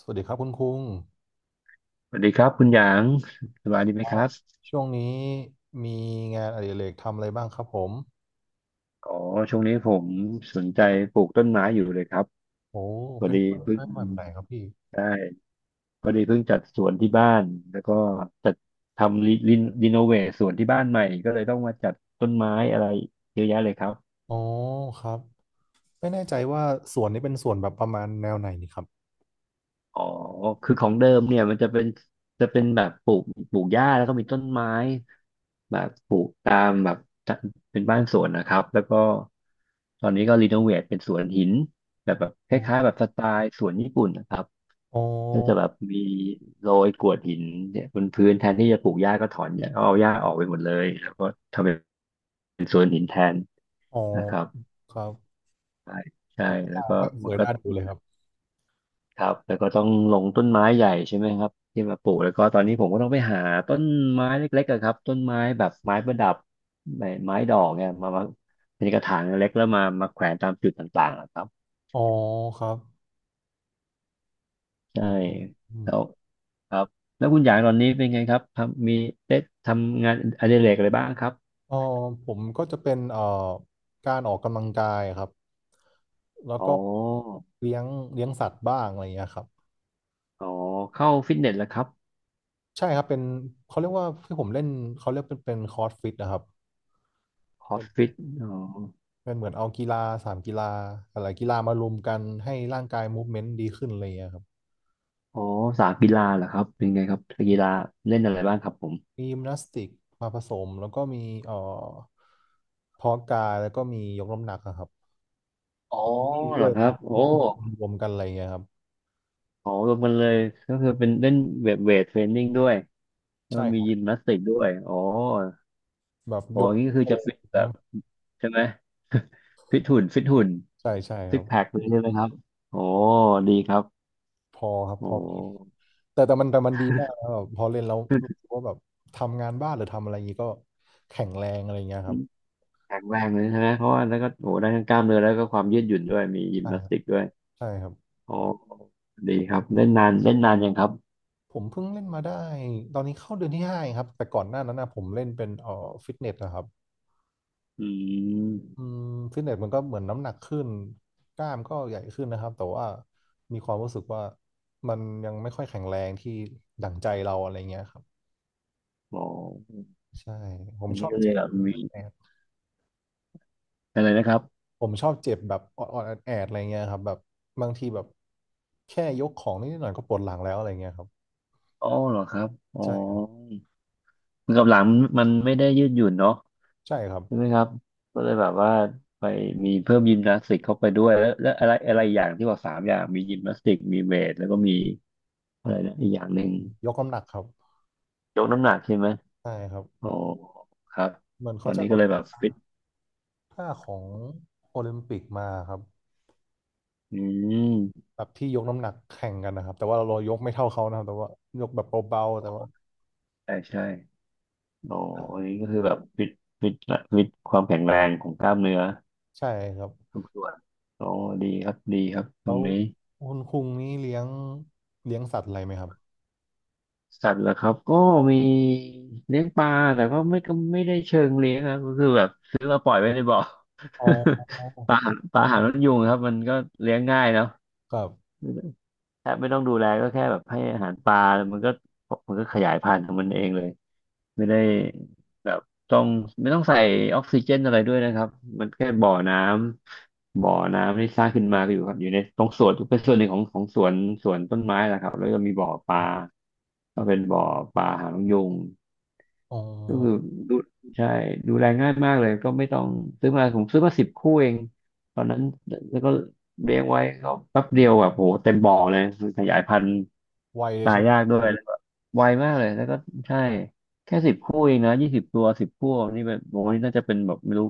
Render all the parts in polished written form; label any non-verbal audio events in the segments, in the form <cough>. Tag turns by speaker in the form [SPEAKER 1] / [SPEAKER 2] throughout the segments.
[SPEAKER 1] สวัสดีครับคุณคุง
[SPEAKER 2] สวัสดีครับคุณหยางสบายดีไห
[SPEAKER 1] ค
[SPEAKER 2] มค
[SPEAKER 1] รับ
[SPEAKER 2] รับ
[SPEAKER 1] ช่วงนี้มีงานอดิเรกทำอะไรบ้างครับผม
[SPEAKER 2] อ๋อช่วงนี้ผมสนใจปลูกต้นไม้อยู่เลยครับ
[SPEAKER 1] โอ้
[SPEAKER 2] พอ
[SPEAKER 1] เป็น
[SPEAKER 2] ดี
[SPEAKER 1] ต้น
[SPEAKER 2] เพิ่ง
[SPEAKER 1] ไม้แบบไหนครับพี่
[SPEAKER 2] ได้พอดีเพิ่งจัดสวนที่บ้านแล้วก็จัดทำรีโนเวทสวนที่บ้านใหม่ก็เลยต้องมาจัดต้นไม้อะไรเยอะแยะเลยครับ
[SPEAKER 1] อ๋อครับไม่แน่ใจว่าสวนนี้เป็นสวนแบบประมาณแนวไหนนี่ครับ
[SPEAKER 2] อ๋อ คือของเดิมเนี่ยมันจะเป็นจะเป็นแบบปลูกปลูกหญ้าแล้วก็มีต้นไม้แบบปลูกตามแบบเป็นบ้านสวนนะครับแล้วก็ตอนนี้ก็รีโนเวทเป็นสวนหินแบบค
[SPEAKER 1] อ๋
[SPEAKER 2] ล้าย
[SPEAKER 1] อ
[SPEAKER 2] ๆแบบสไตล์สวนญี่ปุ่นนะครับ
[SPEAKER 1] อ๋
[SPEAKER 2] ก็จะแบ
[SPEAKER 1] อ
[SPEAKER 2] บมีโรยกรวดหินเนี่ยบนพื้นแทนที่จะปลูกหญ้าก็ถอนหญ้าเอาหญ้าออกไปหมดเลยแล้วก็ทำแปบน
[SPEAKER 1] อ๋อ
[SPEAKER 2] นะครับ
[SPEAKER 1] ครับ
[SPEAKER 2] ใช่ใช่แล้วก็
[SPEAKER 1] ให้ส
[SPEAKER 2] มัน
[SPEAKER 1] วย
[SPEAKER 2] ก็
[SPEAKER 1] น่าดูเลยครับ
[SPEAKER 2] ครับแล้วก็ต้องลงต้นไม้ใหญ่ใช่ไหมครับที่มาปลูกแล้วก็ตอนนี้ผมก็ต้องไปหาต้นไม้เล็กๆอะครับต้นไม้แบบไม้ประดับไม้ดอกเนี่ยมาเป็นกระถางเล็กแล้วมาแขวนตามจุดต่างๆอะครับ
[SPEAKER 1] อ๋อครับ
[SPEAKER 2] ใช่
[SPEAKER 1] อืมอืม
[SPEAKER 2] แล้วครับแล้วคุณหยางตอนนี้เป็นไงครับทำมีได้ทำงานอดิเรกอะไรบ้างครับ
[SPEAKER 1] อ๋อผมก็จะเป็นการออกกำลังกายครับแล้ว
[SPEAKER 2] อ๋
[SPEAKER 1] ก็
[SPEAKER 2] อ
[SPEAKER 1] เลี้ยงเลี้ยงสัตว์บ้างอะไรอย่างเงี้ยครับ
[SPEAKER 2] อ๋อเข้าฟิตเนสแล้วครับ
[SPEAKER 1] ใช่ครับเป็นเขาเรียกว่าที่ผมเล่นเขาเรียกเป็นคอร์สฟิตนะครับ
[SPEAKER 2] คอ
[SPEAKER 1] เป็
[SPEAKER 2] ส
[SPEAKER 1] น
[SPEAKER 2] ฟิตอ๋อ
[SPEAKER 1] เป็นเหมือนเอากีฬาสามกีฬาอะไรกีฬามารวมกันให้ร่างกายมูฟเมนต์ดีขึ้นอะไรอย่างเลยครับ
[SPEAKER 2] อ๋อสายกีฬาเหรอครับเป็นไงครับกีฬาเล่นอะไรบ้างครับผม
[SPEAKER 1] มียิมนาสติกมาผสมแล้วก็มีเอ่อเพาะกายแล้วก็มียกน้ำหนักอะครับ
[SPEAKER 2] อ๋อเหร
[SPEAKER 1] ด้ว
[SPEAKER 2] อ
[SPEAKER 1] ย
[SPEAKER 2] ครับโอ้
[SPEAKER 1] รวมกันอะไรอย่างเงี้ยครับ
[SPEAKER 2] อ๋อรวมกันเลยก็คือเป็นเล่นเวทเทรนนิ่งด้วยแล้ว
[SPEAKER 1] ใช่ค
[SPEAKER 2] มี
[SPEAKER 1] รับ
[SPEAKER 2] ยิมนาสติกด้วยอ๋อ
[SPEAKER 1] แบบ
[SPEAKER 2] โอ้
[SPEAKER 1] ยก
[SPEAKER 2] นี่คือ
[SPEAKER 1] ก็
[SPEAKER 2] จะ
[SPEAKER 1] เลย
[SPEAKER 2] ฟิตแบ
[SPEAKER 1] นะ
[SPEAKER 2] บใช่ไหม <laughs> ฟิตหุ่นฟิตหุ่น
[SPEAKER 1] ใช่ใช่ค
[SPEAKER 2] ซิ
[SPEAKER 1] รั
[SPEAKER 2] ก
[SPEAKER 1] บ
[SPEAKER 2] แพคเลยใช่ไหมครับโอ้ดีครับ
[SPEAKER 1] พอครับพ
[SPEAKER 2] โอ้
[SPEAKER 1] อแต่มันดีมากนะแบบพอเล่นแล้วรู้สึกว่าแบบทำงานบ้านหรือทำอะไรอย่างนี้ก็แข็งแรงอะไรอย่างเงี้ยครับ
[SPEAKER 2] แข็งแรงเลยใช่ไหมเพราะว่าแล้วก็โอ้ได้ทั้งกล้ามเนื้อแล้วก็ความยืดหยุ่นด้วยมียิม
[SPEAKER 1] ใช่
[SPEAKER 2] นา
[SPEAKER 1] ค
[SPEAKER 2] ส
[SPEAKER 1] รับ
[SPEAKER 2] ติกด้วย
[SPEAKER 1] ใช่ครับ
[SPEAKER 2] อ๋อดีครับเล่นนานเล่นนานยังครับ
[SPEAKER 1] ผมเพิ่งเล่นมาได้ตอนนี้เข้าเดือนที่ห้าเองครับแต่ก่อนหน้านั้นนะผมเล่นเป็นฟิตเนสนะครับ
[SPEAKER 2] อื
[SPEAKER 1] อื
[SPEAKER 2] ม
[SPEAKER 1] มฟิตเนสมันก็เหมือนน้ำหนักขึ้นกล้ามก็ใหญ่ขึ้นนะครับแต่ว่ามีความรู้สึกว่ามันยังไม่ค่อยแข็งแรงที่ดั่งใจเราอะไรเงี้ยครับ
[SPEAKER 2] อ๋อ
[SPEAKER 1] ใช่ผม
[SPEAKER 2] อัน
[SPEAKER 1] ช
[SPEAKER 2] นี้
[SPEAKER 1] อบ
[SPEAKER 2] ก็เล
[SPEAKER 1] เจ็
[SPEAKER 2] ย
[SPEAKER 1] บ
[SPEAKER 2] แบบมี
[SPEAKER 1] แอด
[SPEAKER 2] อะไรนะครับ
[SPEAKER 1] ผมชอบเจ็บแบบออดๆแอดๆอะไรเงี้ยครับแบบบางทีแบบแค่ยกของนิดหน่อยก็ปวดหลังแล้วอะไรเงี้ยครับ
[SPEAKER 2] อ๋อเหรอครับอ๋อ
[SPEAKER 1] ใช่
[SPEAKER 2] มือกับหลังมันไม่ได้ยืดหยุ่นเนาะ
[SPEAKER 1] ใช่ครับ
[SPEAKER 2] ใช่ไหมครับก็เลยแบบว่าไปมีเพิ่มยิมนาสติกเข้าไปด้วยแล้วอะไรอะไรอย่างที่บอกสามอย่างมียิมนาสติกมีเวทแล้วก็มีอะไรนะอีกอย่างหนึ่ง
[SPEAKER 1] ยกน้ำหนักครับ
[SPEAKER 2] ยกน้ำหนักใช่ไหม
[SPEAKER 1] ใช่ครับ
[SPEAKER 2] โอ้ครับ
[SPEAKER 1] เหมือน
[SPEAKER 2] ตอ
[SPEAKER 1] เขา
[SPEAKER 2] น
[SPEAKER 1] จะ
[SPEAKER 2] นี้
[SPEAKER 1] เอา
[SPEAKER 2] ก็เลยแบบฟิต
[SPEAKER 1] ถ้าของโอลิมปิกมาครับ
[SPEAKER 2] อืม
[SPEAKER 1] แบบที่ยกน้ำหนักแข่งกันนะครับแต่ว่าเรายกไม่เท่าเขานะครับแต่ว่ายกแบบเบาๆแต่ว่า
[SPEAKER 2] ใช่ใช่โอ้อันนี้ก็คือแบบฟิตฟิตความแข็งแรงของกล้ามเนื้อ
[SPEAKER 1] ใช่ครับ
[SPEAKER 2] ทุกส่วนโอ้ดีครับดีครับต
[SPEAKER 1] แล้
[SPEAKER 2] รง
[SPEAKER 1] ว
[SPEAKER 2] นี้
[SPEAKER 1] คุณคุงนี่เลี้ยงสัตว์อะไรไหมครับ
[SPEAKER 2] สัตว์เหรอครับก็มีเลี้ยงปลาแต่ก็ไม่ได้เชิงเลี้ยงครับก็คือแบบซื้อมาปล่อยไว้ในบ่อ
[SPEAKER 1] อ๋อ
[SPEAKER 2] <laughs> ปลาปลาหางนกยูงครับมันก็เลี้ยงง่ายเนาะ
[SPEAKER 1] ครับ
[SPEAKER 2] แทบไม่ต้องดูแลก็แค่แบบให้อาหารปลามันก็มันก็ขยายพันธุ์ของมันเองเลยไม่ได้แบบต้องไม่ต้องใส่ออกซิเจนอะไรด้วยนะครับมันแค่บ่อน้ำที่สร้างขึ้นมาก็อยู่ครับอยู่ในตรงสวนเป็นส่วนหนึ่งของสวนต้นไม้แหละครับแล้วก็มีบ่อปลาก็เป็นบ่อปลาหางนกยูง
[SPEAKER 1] อ๋อ
[SPEAKER 2] ก็คือดูใช่ดูแลง่ายมากเลยก็ไม่ต้องซื้อมาผมซื้อมาสิบคู่เองตอนนั้นแล้วก็เลี้ยงไว้ก็แป๊บเดียวแบบโหเต็มบ่อเลยคือขยายพันธุ์
[SPEAKER 1] ไวเลย
[SPEAKER 2] ตาย
[SPEAKER 1] ใช่ไหม
[SPEAKER 2] ยากด้วยแล้วก็ไวมากเลยแล้วก็ใช่แค่สิบคู่เองนะ20 ตัวสิบคู่นี่แบบโอนี่น่าจะเป็นแบบไม่รู้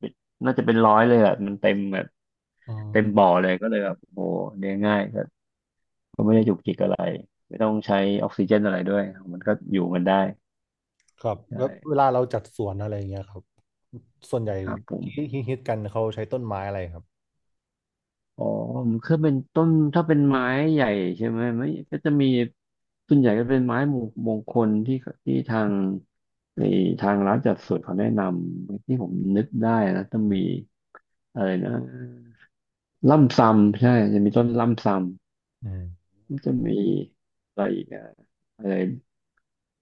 [SPEAKER 2] เป็นน่าจะเป็นร้อยเลยอ่ะมันเต็มแบบ
[SPEAKER 1] อื
[SPEAKER 2] เต็มบ่อ
[SPEAKER 1] ม
[SPEAKER 2] เลยก็เลยแบบโอ้โหเลี้ยงง่ายก็ไม่ได้จุกจิกอะไรไม่ต้องใช้ออกซิเจนอะไรด้วยมันก็อยู่กันได้
[SPEAKER 1] ครับ
[SPEAKER 2] ใช่
[SPEAKER 1] แล้วเวลาเราจัดสวนอะไรอย่างเงี้ยครับส่วนใหญ่
[SPEAKER 2] ครับผม
[SPEAKER 1] ที่ฮิตๆกันเขาใช้ต้นไม้อะไรครับ
[SPEAKER 2] อ๋อคือเป็นต้นถ้าเป็นไม้ใหญ่ใช่ไหมไม่ก็จะมีส่วนใหญ่ก็เป็นไม้มงมงคลที่ทางในทางร้านจัดสวนเขาแนะนำที่ผมนึกได้นะจะมีอะไรนะล่ำซำใช่จะมีต้นล่ำซำ
[SPEAKER 1] อืม
[SPEAKER 2] มันจะมีอะไรอีกอะอะไร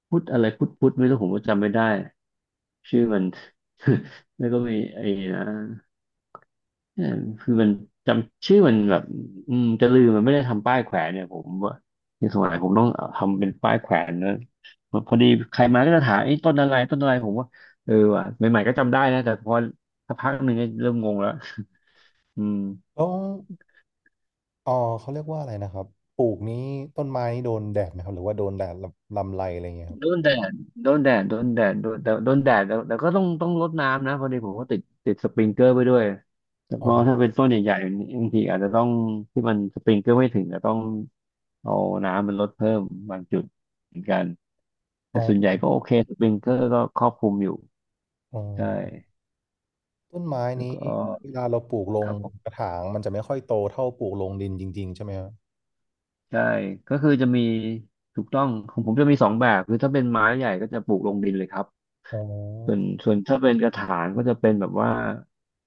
[SPEAKER 2] พุทธไม่รู้ผมก็จำไม่ได้ชื่อมัน <laughs> แล้วก็มีไอ้นะ เออคือมันจำชื่อมันแบบอืมจะลืมมันไม่ได้ทำป้ายแขวนเนี่ยผมว่าในสมัยผมต้องทำเป็นป้ายแขวนนะพอดีใครมาก็จะถามไอ้ยต้นอะไรต้นอะไรผมว่าเออว่ะใหม่ๆก็จำได้นะแต่พอสักพักหนึ่งก็เริ่มงงแล้วอืม
[SPEAKER 1] แล้วอ๋อเขาเรียกว่าอะไรนะครับปลูกนี้ต้นไม้นี่โดนแดดไหมครับหรือว่าโดนแดดลำไรอะไรเงี้ยครับ
[SPEAKER 2] โดนแดดโดนแดดโดนแดดโดนแต่โดนแดดแต่ก็ต้องรดน้ำนะพอดีผมก็ติดสปริงเกอร์ไปด้วยแล้ว
[SPEAKER 1] อ๋
[SPEAKER 2] ก็ถ้า
[SPEAKER 1] อ
[SPEAKER 2] เป็นต้นใหญ่ๆบางทีอาจจะต้องที่มันสปริงเกอร์ไม่ถึงจะต้องเอาน้ำมันลดเพิ่มบางจุดเหมือนกัน
[SPEAKER 1] อ๋
[SPEAKER 2] แต่
[SPEAKER 1] อ
[SPEAKER 2] ส่วนใหญ่ก็โอเคสปริงเกอร์ก็ครอบคลุมอยู่
[SPEAKER 1] อ๋อ
[SPEAKER 2] ใช่
[SPEAKER 1] ต้นไม้
[SPEAKER 2] แล้ว
[SPEAKER 1] นี้
[SPEAKER 2] ก็
[SPEAKER 1] เวลาเราปลูกล
[SPEAKER 2] ค
[SPEAKER 1] ง
[SPEAKER 2] รับผ
[SPEAKER 1] ก
[SPEAKER 2] ม
[SPEAKER 1] ระถางมันจะไม่ค่อยโตเท่าปลูกลงดินจริงๆใช่ไหมครับ
[SPEAKER 2] ใช่ก็คือจะมีถูกต้องของผมจะมีสองแบบคือถ้าเป็นไม้ใหญ่ก็จะปลูกลงดินเลยครับ
[SPEAKER 1] อ๋
[SPEAKER 2] ส่วน
[SPEAKER 1] อ
[SPEAKER 2] ส่วนถ้าเป็นกระถางก็จะเป็นแบบว่า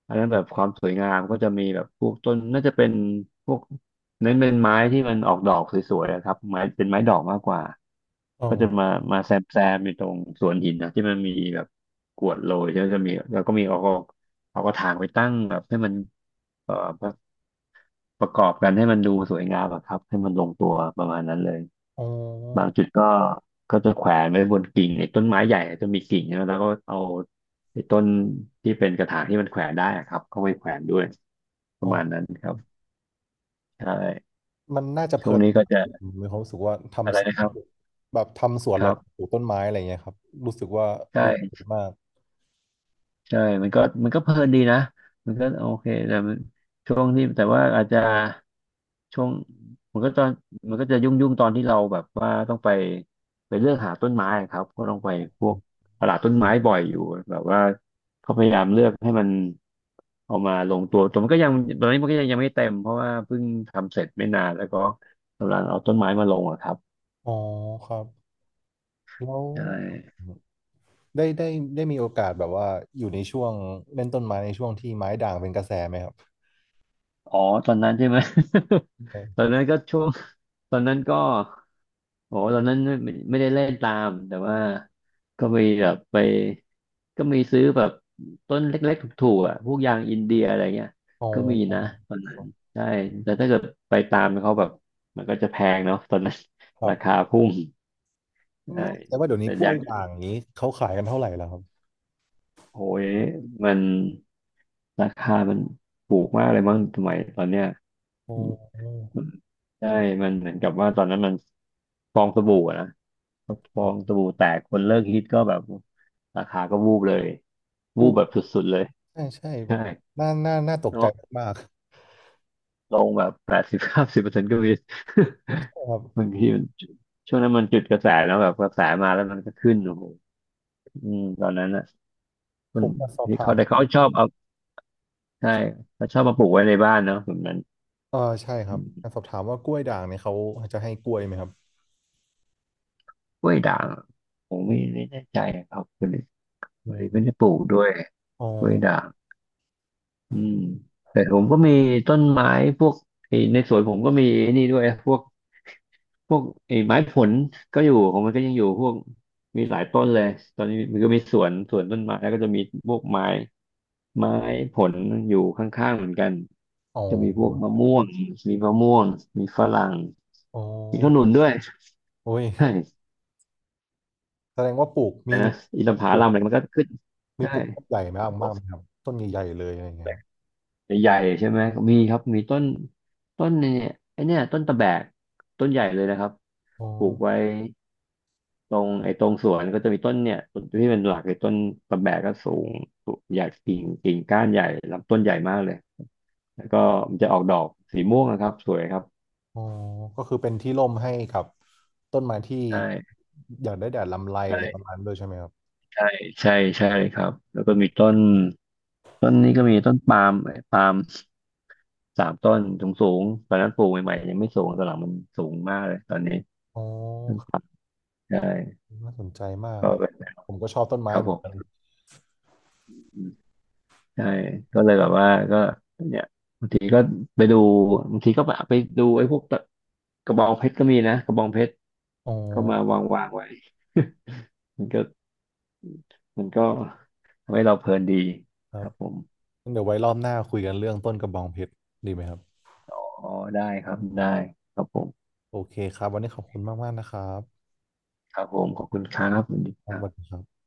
[SPEAKER 2] อันนั้นแบบความสวยงามก็จะมีแบบพวกต้นน่าจะเป็นพวกเน้นเป็นไม้ที่มันออกดอกสวยๆอะครับไม้เป็นไม้ดอกมากกว่า
[SPEAKER 1] อ๋
[SPEAKER 2] ก็จะ
[SPEAKER 1] อ
[SPEAKER 2] มาแซมแซมอยู่ตรงสวนหินนะที่มันมีแบบกรวดโรยแล้วจะมีแล้วก็มีเอากระถางไปตั้งแบบให้มันเอ่อประประกอบกันให้มันดูสวยงามอะครับให้มันลงตัวประมาณนั้นเลย
[SPEAKER 1] อ๋อ
[SPEAKER 2] บางจุดก็จะแขวนไว้บนกิ่งไอ้ต้นไม้ใหญ่จะมีกิ่งนะแล้วก็เอาไอ้ต้นที่เป็นกระถางที่มันแขวนได้อะครับเข้าไปแขวนด้วยป
[SPEAKER 1] อ๋อ
[SPEAKER 2] ระมาณนั้นครับใช่
[SPEAKER 1] มันน่าจะเพ
[SPEAKER 2] ช่ว
[SPEAKER 1] ลิ
[SPEAKER 2] ง
[SPEAKER 1] น
[SPEAKER 2] นี้ก็จะ
[SPEAKER 1] ผมมีความรู้สึกว่า
[SPEAKER 2] อะไร
[SPEAKER 1] ทำสวน
[SPEAKER 2] นะครับ
[SPEAKER 1] แบบทำสวน
[SPEAKER 2] ค
[SPEAKER 1] แล้
[SPEAKER 2] รั
[SPEAKER 1] ว
[SPEAKER 2] บ
[SPEAKER 1] ก็ปลูกต้นไม้อะไรเงี้ยครับรู้สึกว่าดู
[SPEAKER 2] ใช่
[SPEAKER 1] ดีมาก
[SPEAKER 2] ใช่มันก็เพลินดีนะมันก็โอเคแต่มันช่วงที่แต่ว่าอาจจะช่วงมันก็ตอนมันก็จะยุ่งตอนที่เราแบบว่าต้องไปไปเลือกหาต้นไม้อะครับก็ต้องไปพวกตลาดต้นไม้บ่อยอยู่แบบว่าเขาพยายามเลือกให้มันเอามาลงตัวแต่มันก็ยังตอนนี้มันก็ยังไม่เต็มเพราะว่าเพิ่งทำเสร็จไม่นานแล้วก็กำลังเอาต้นไม้มาลงอะครับ
[SPEAKER 1] อ๋อครับแล้ว
[SPEAKER 2] ใช่
[SPEAKER 1] ได้ได้ได้มีโอกาสแบบว่าอยู่ในช่วงเล่นต้นไม้ในช่วงที่ไม้ด่างเป็นกระแสไหมครับ
[SPEAKER 2] อ๋อตอนนั้นใช่ไหม <laughs> ตอนนั้นก็ช่วงตอนนั้นก็ โอ้ตอนนั้นไม่ได้เล่นตามแต่ว่าก็มีแบบไปก็มีซื้อแบบต้นเล็กๆถูกๆอ่ะพวกยางอินเดียอะไรเงี้ย
[SPEAKER 1] อ๋
[SPEAKER 2] ก็มีนะ
[SPEAKER 1] อ
[SPEAKER 2] ตอนนั้นใช่แต่ถ้าเกิดไปตามเขาแบบมันก็จะแพงเนาะตอนนั้น
[SPEAKER 1] ค
[SPEAKER 2] <laughs>
[SPEAKER 1] รับ
[SPEAKER 2] ราคาพุ่งใช่
[SPEAKER 1] ไม่แต่ว่าเดี๋ยวนี้
[SPEAKER 2] แต่
[SPEAKER 1] กล้ว
[SPEAKER 2] ยา
[SPEAKER 1] ย
[SPEAKER 2] ง
[SPEAKER 1] ด่างนี้เขาขายกันเท่าไหร่แล้วครับ
[SPEAKER 2] โอ้ยมันราคามันถูกมากเลยมั้งสมัยตอนเนี้ย
[SPEAKER 1] โอ้
[SPEAKER 2] ใช่ มันเหมือนกับว่าตอนนั้นมันฟองสบู่อะนะฟ
[SPEAKER 1] ครั
[SPEAKER 2] อง
[SPEAKER 1] บ
[SPEAKER 2] สบู่แตกคนเลิกฮิตก็แบบราคาก็วูบเลยวู
[SPEAKER 1] ลู
[SPEAKER 2] บ
[SPEAKER 1] ก
[SPEAKER 2] แบบสุดๆเลย
[SPEAKER 1] ใช่ใช่แบ
[SPEAKER 2] ใช่
[SPEAKER 1] บน่าตกใจ
[SPEAKER 2] เนาะ
[SPEAKER 1] มาก
[SPEAKER 2] ลงแบบ80-90%ก็มี <laughs>
[SPEAKER 1] ๆครับ
[SPEAKER 2] บางทีมันช่วงนั้นมันจุดกระแสแล้วแบบกระแสมาแล้วมันก็ขึ้นโอ้โหอืมตอนนั้นอ่ะ
[SPEAKER 1] ผ
[SPEAKER 2] มัน
[SPEAKER 1] มมาสอบ
[SPEAKER 2] ที่
[SPEAKER 1] ถา
[SPEAKER 2] เขา
[SPEAKER 1] ม
[SPEAKER 2] แต่เขาชอบเอาใช่ เขาชอบมาปลูกไว้ในบ้านเนาะแบบนั้น
[SPEAKER 1] เออใช่ครั
[SPEAKER 2] อื
[SPEAKER 1] บ
[SPEAKER 2] ม
[SPEAKER 1] มาสอบถามว่ากล้วยด่างเนี่ยเขาจะให้กล้วยไหมครับ
[SPEAKER 2] กล้วยด่างผมไม่แน่ใจอะครับคนนี้ค
[SPEAKER 1] อื
[SPEAKER 2] นนี้ไม่ได้
[SPEAKER 1] ม
[SPEAKER 2] ปลูกด้วย
[SPEAKER 1] อ๋อ
[SPEAKER 2] กล้วยด่าง อืมแต่ผมก็มีต้นไม้พวกไอ้ในสวนผมก็มีไอ้นี่ด้วยพวกพวกไอ้ไม้ผลก็อยู่ของมันก็ยังอยู่พวกมีหลายต้นเลยตอนนี้มันก็มีสวนสวนต้นไม้แล้วก็จะมีพวกไม้ไม้ผลอยู่ข้างๆเหมือนกัน
[SPEAKER 1] อ๋
[SPEAKER 2] จะมีพว
[SPEAKER 1] อ
[SPEAKER 2] กมะม่วงมีมะม่วงมีฝรั่ง
[SPEAKER 1] อ๋อ
[SPEAKER 2] มีขนุนด้วย
[SPEAKER 1] โอ้ย
[SPEAKER 2] ใช่
[SPEAKER 1] แสดงว่าปลูก
[SPEAKER 2] แต่นะอินท
[SPEAKER 1] มี
[SPEAKER 2] ผ
[SPEAKER 1] ปลู
[SPEAKER 2] ลั
[SPEAKER 1] ก
[SPEAKER 2] มอะไรมันก็ขึ้น
[SPEAKER 1] มี
[SPEAKER 2] ใช่
[SPEAKER 1] ปลูกต้นใหญ่มากมากไหมครับต้นใหญ่ๆเลยอะไรอย่างเงี้ยครับ
[SPEAKER 2] ใหญ่ๆใช่ไหมมีครับมีต้นต้นเนี่ยไอเนี่ยต้นตะแบกต้นใหญ่เลยนะครับ
[SPEAKER 1] อ๋อ
[SPEAKER 2] ปลูกไว้ตรงไอ้ตรงสวนก็จะมีต้นเนี่ยต้นที่เป็นหลักเลยต้นตะแบกก็สูงสูงใหญ่กิ่งก้านใหญ่ลำต้นใหญ่มากเลยแล้วก็มันจะออกดอกสีม่วงนะครับสวยครับ
[SPEAKER 1] อ๋อก็คือเป็นที่ร่มให้กับต้นไม้ที่
[SPEAKER 2] ใช่
[SPEAKER 1] อยากได้แดดลำไรอะไรประ
[SPEAKER 2] ใช่
[SPEAKER 1] มาณนั้นด้วยใช่ไหมครับ
[SPEAKER 2] ใช่ใช่ใช่ครับแล้วก็
[SPEAKER 1] อ๋
[SPEAKER 2] มี
[SPEAKER 1] อ
[SPEAKER 2] ต้นต้นนี้ก็มีต้นปาล์มเอ้ยปาล์ม3 ต้นสูงสูงตอนนั้นปลูกใหม่ๆยังไม่สูงตอนหลังมันสูงมากเลยตอนนี้
[SPEAKER 1] อ๋อ
[SPEAKER 2] ต้นปาล์มใช่
[SPEAKER 1] น่าสนใจมาก
[SPEAKER 2] ก
[SPEAKER 1] ครับ
[SPEAKER 2] ็
[SPEAKER 1] ผมก็ชอบต้นไม้
[SPEAKER 2] ครับ
[SPEAKER 1] เห
[SPEAKER 2] ผ
[SPEAKER 1] มือนกัน
[SPEAKER 2] มใช่ก็เลยแบบว่าก็เนี่ยบางทีก็ไปดูบางทีก็ไปดูไอ้พวกตะกระบองเพชรก็มีนะกระบองเพชร
[SPEAKER 1] อ๋อ
[SPEAKER 2] ก็มาวางไว้มันก็มันก็ทำให้เราเพลินดี
[SPEAKER 1] ค
[SPEAKER 2] ค
[SPEAKER 1] รับ
[SPEAKER 2] รับผม
[SPEAKER 1] งั้นเดี๋ยวไว้รอบหน้าคุยกันเรื่องต้นกระบองเพชรดีไหมครับ
[SPEAKER 2] อ๋อได้ครับได้ครับผม
[SPEAKER 1] โอเคครับวันนี้ขอบคุณมากๆนะครับ
[SPEAKER 2] ครับผมขอบคุณครับสวัสดี
[SPEAKER 1] ค
[SPEAKER 2] ค
[SPEAKER 1] รับส
[SPEAKER 2] รั
[SPEAKER 1] วัสดี
[SPEAKER 2] บ
[SPEAKER 1] ครับ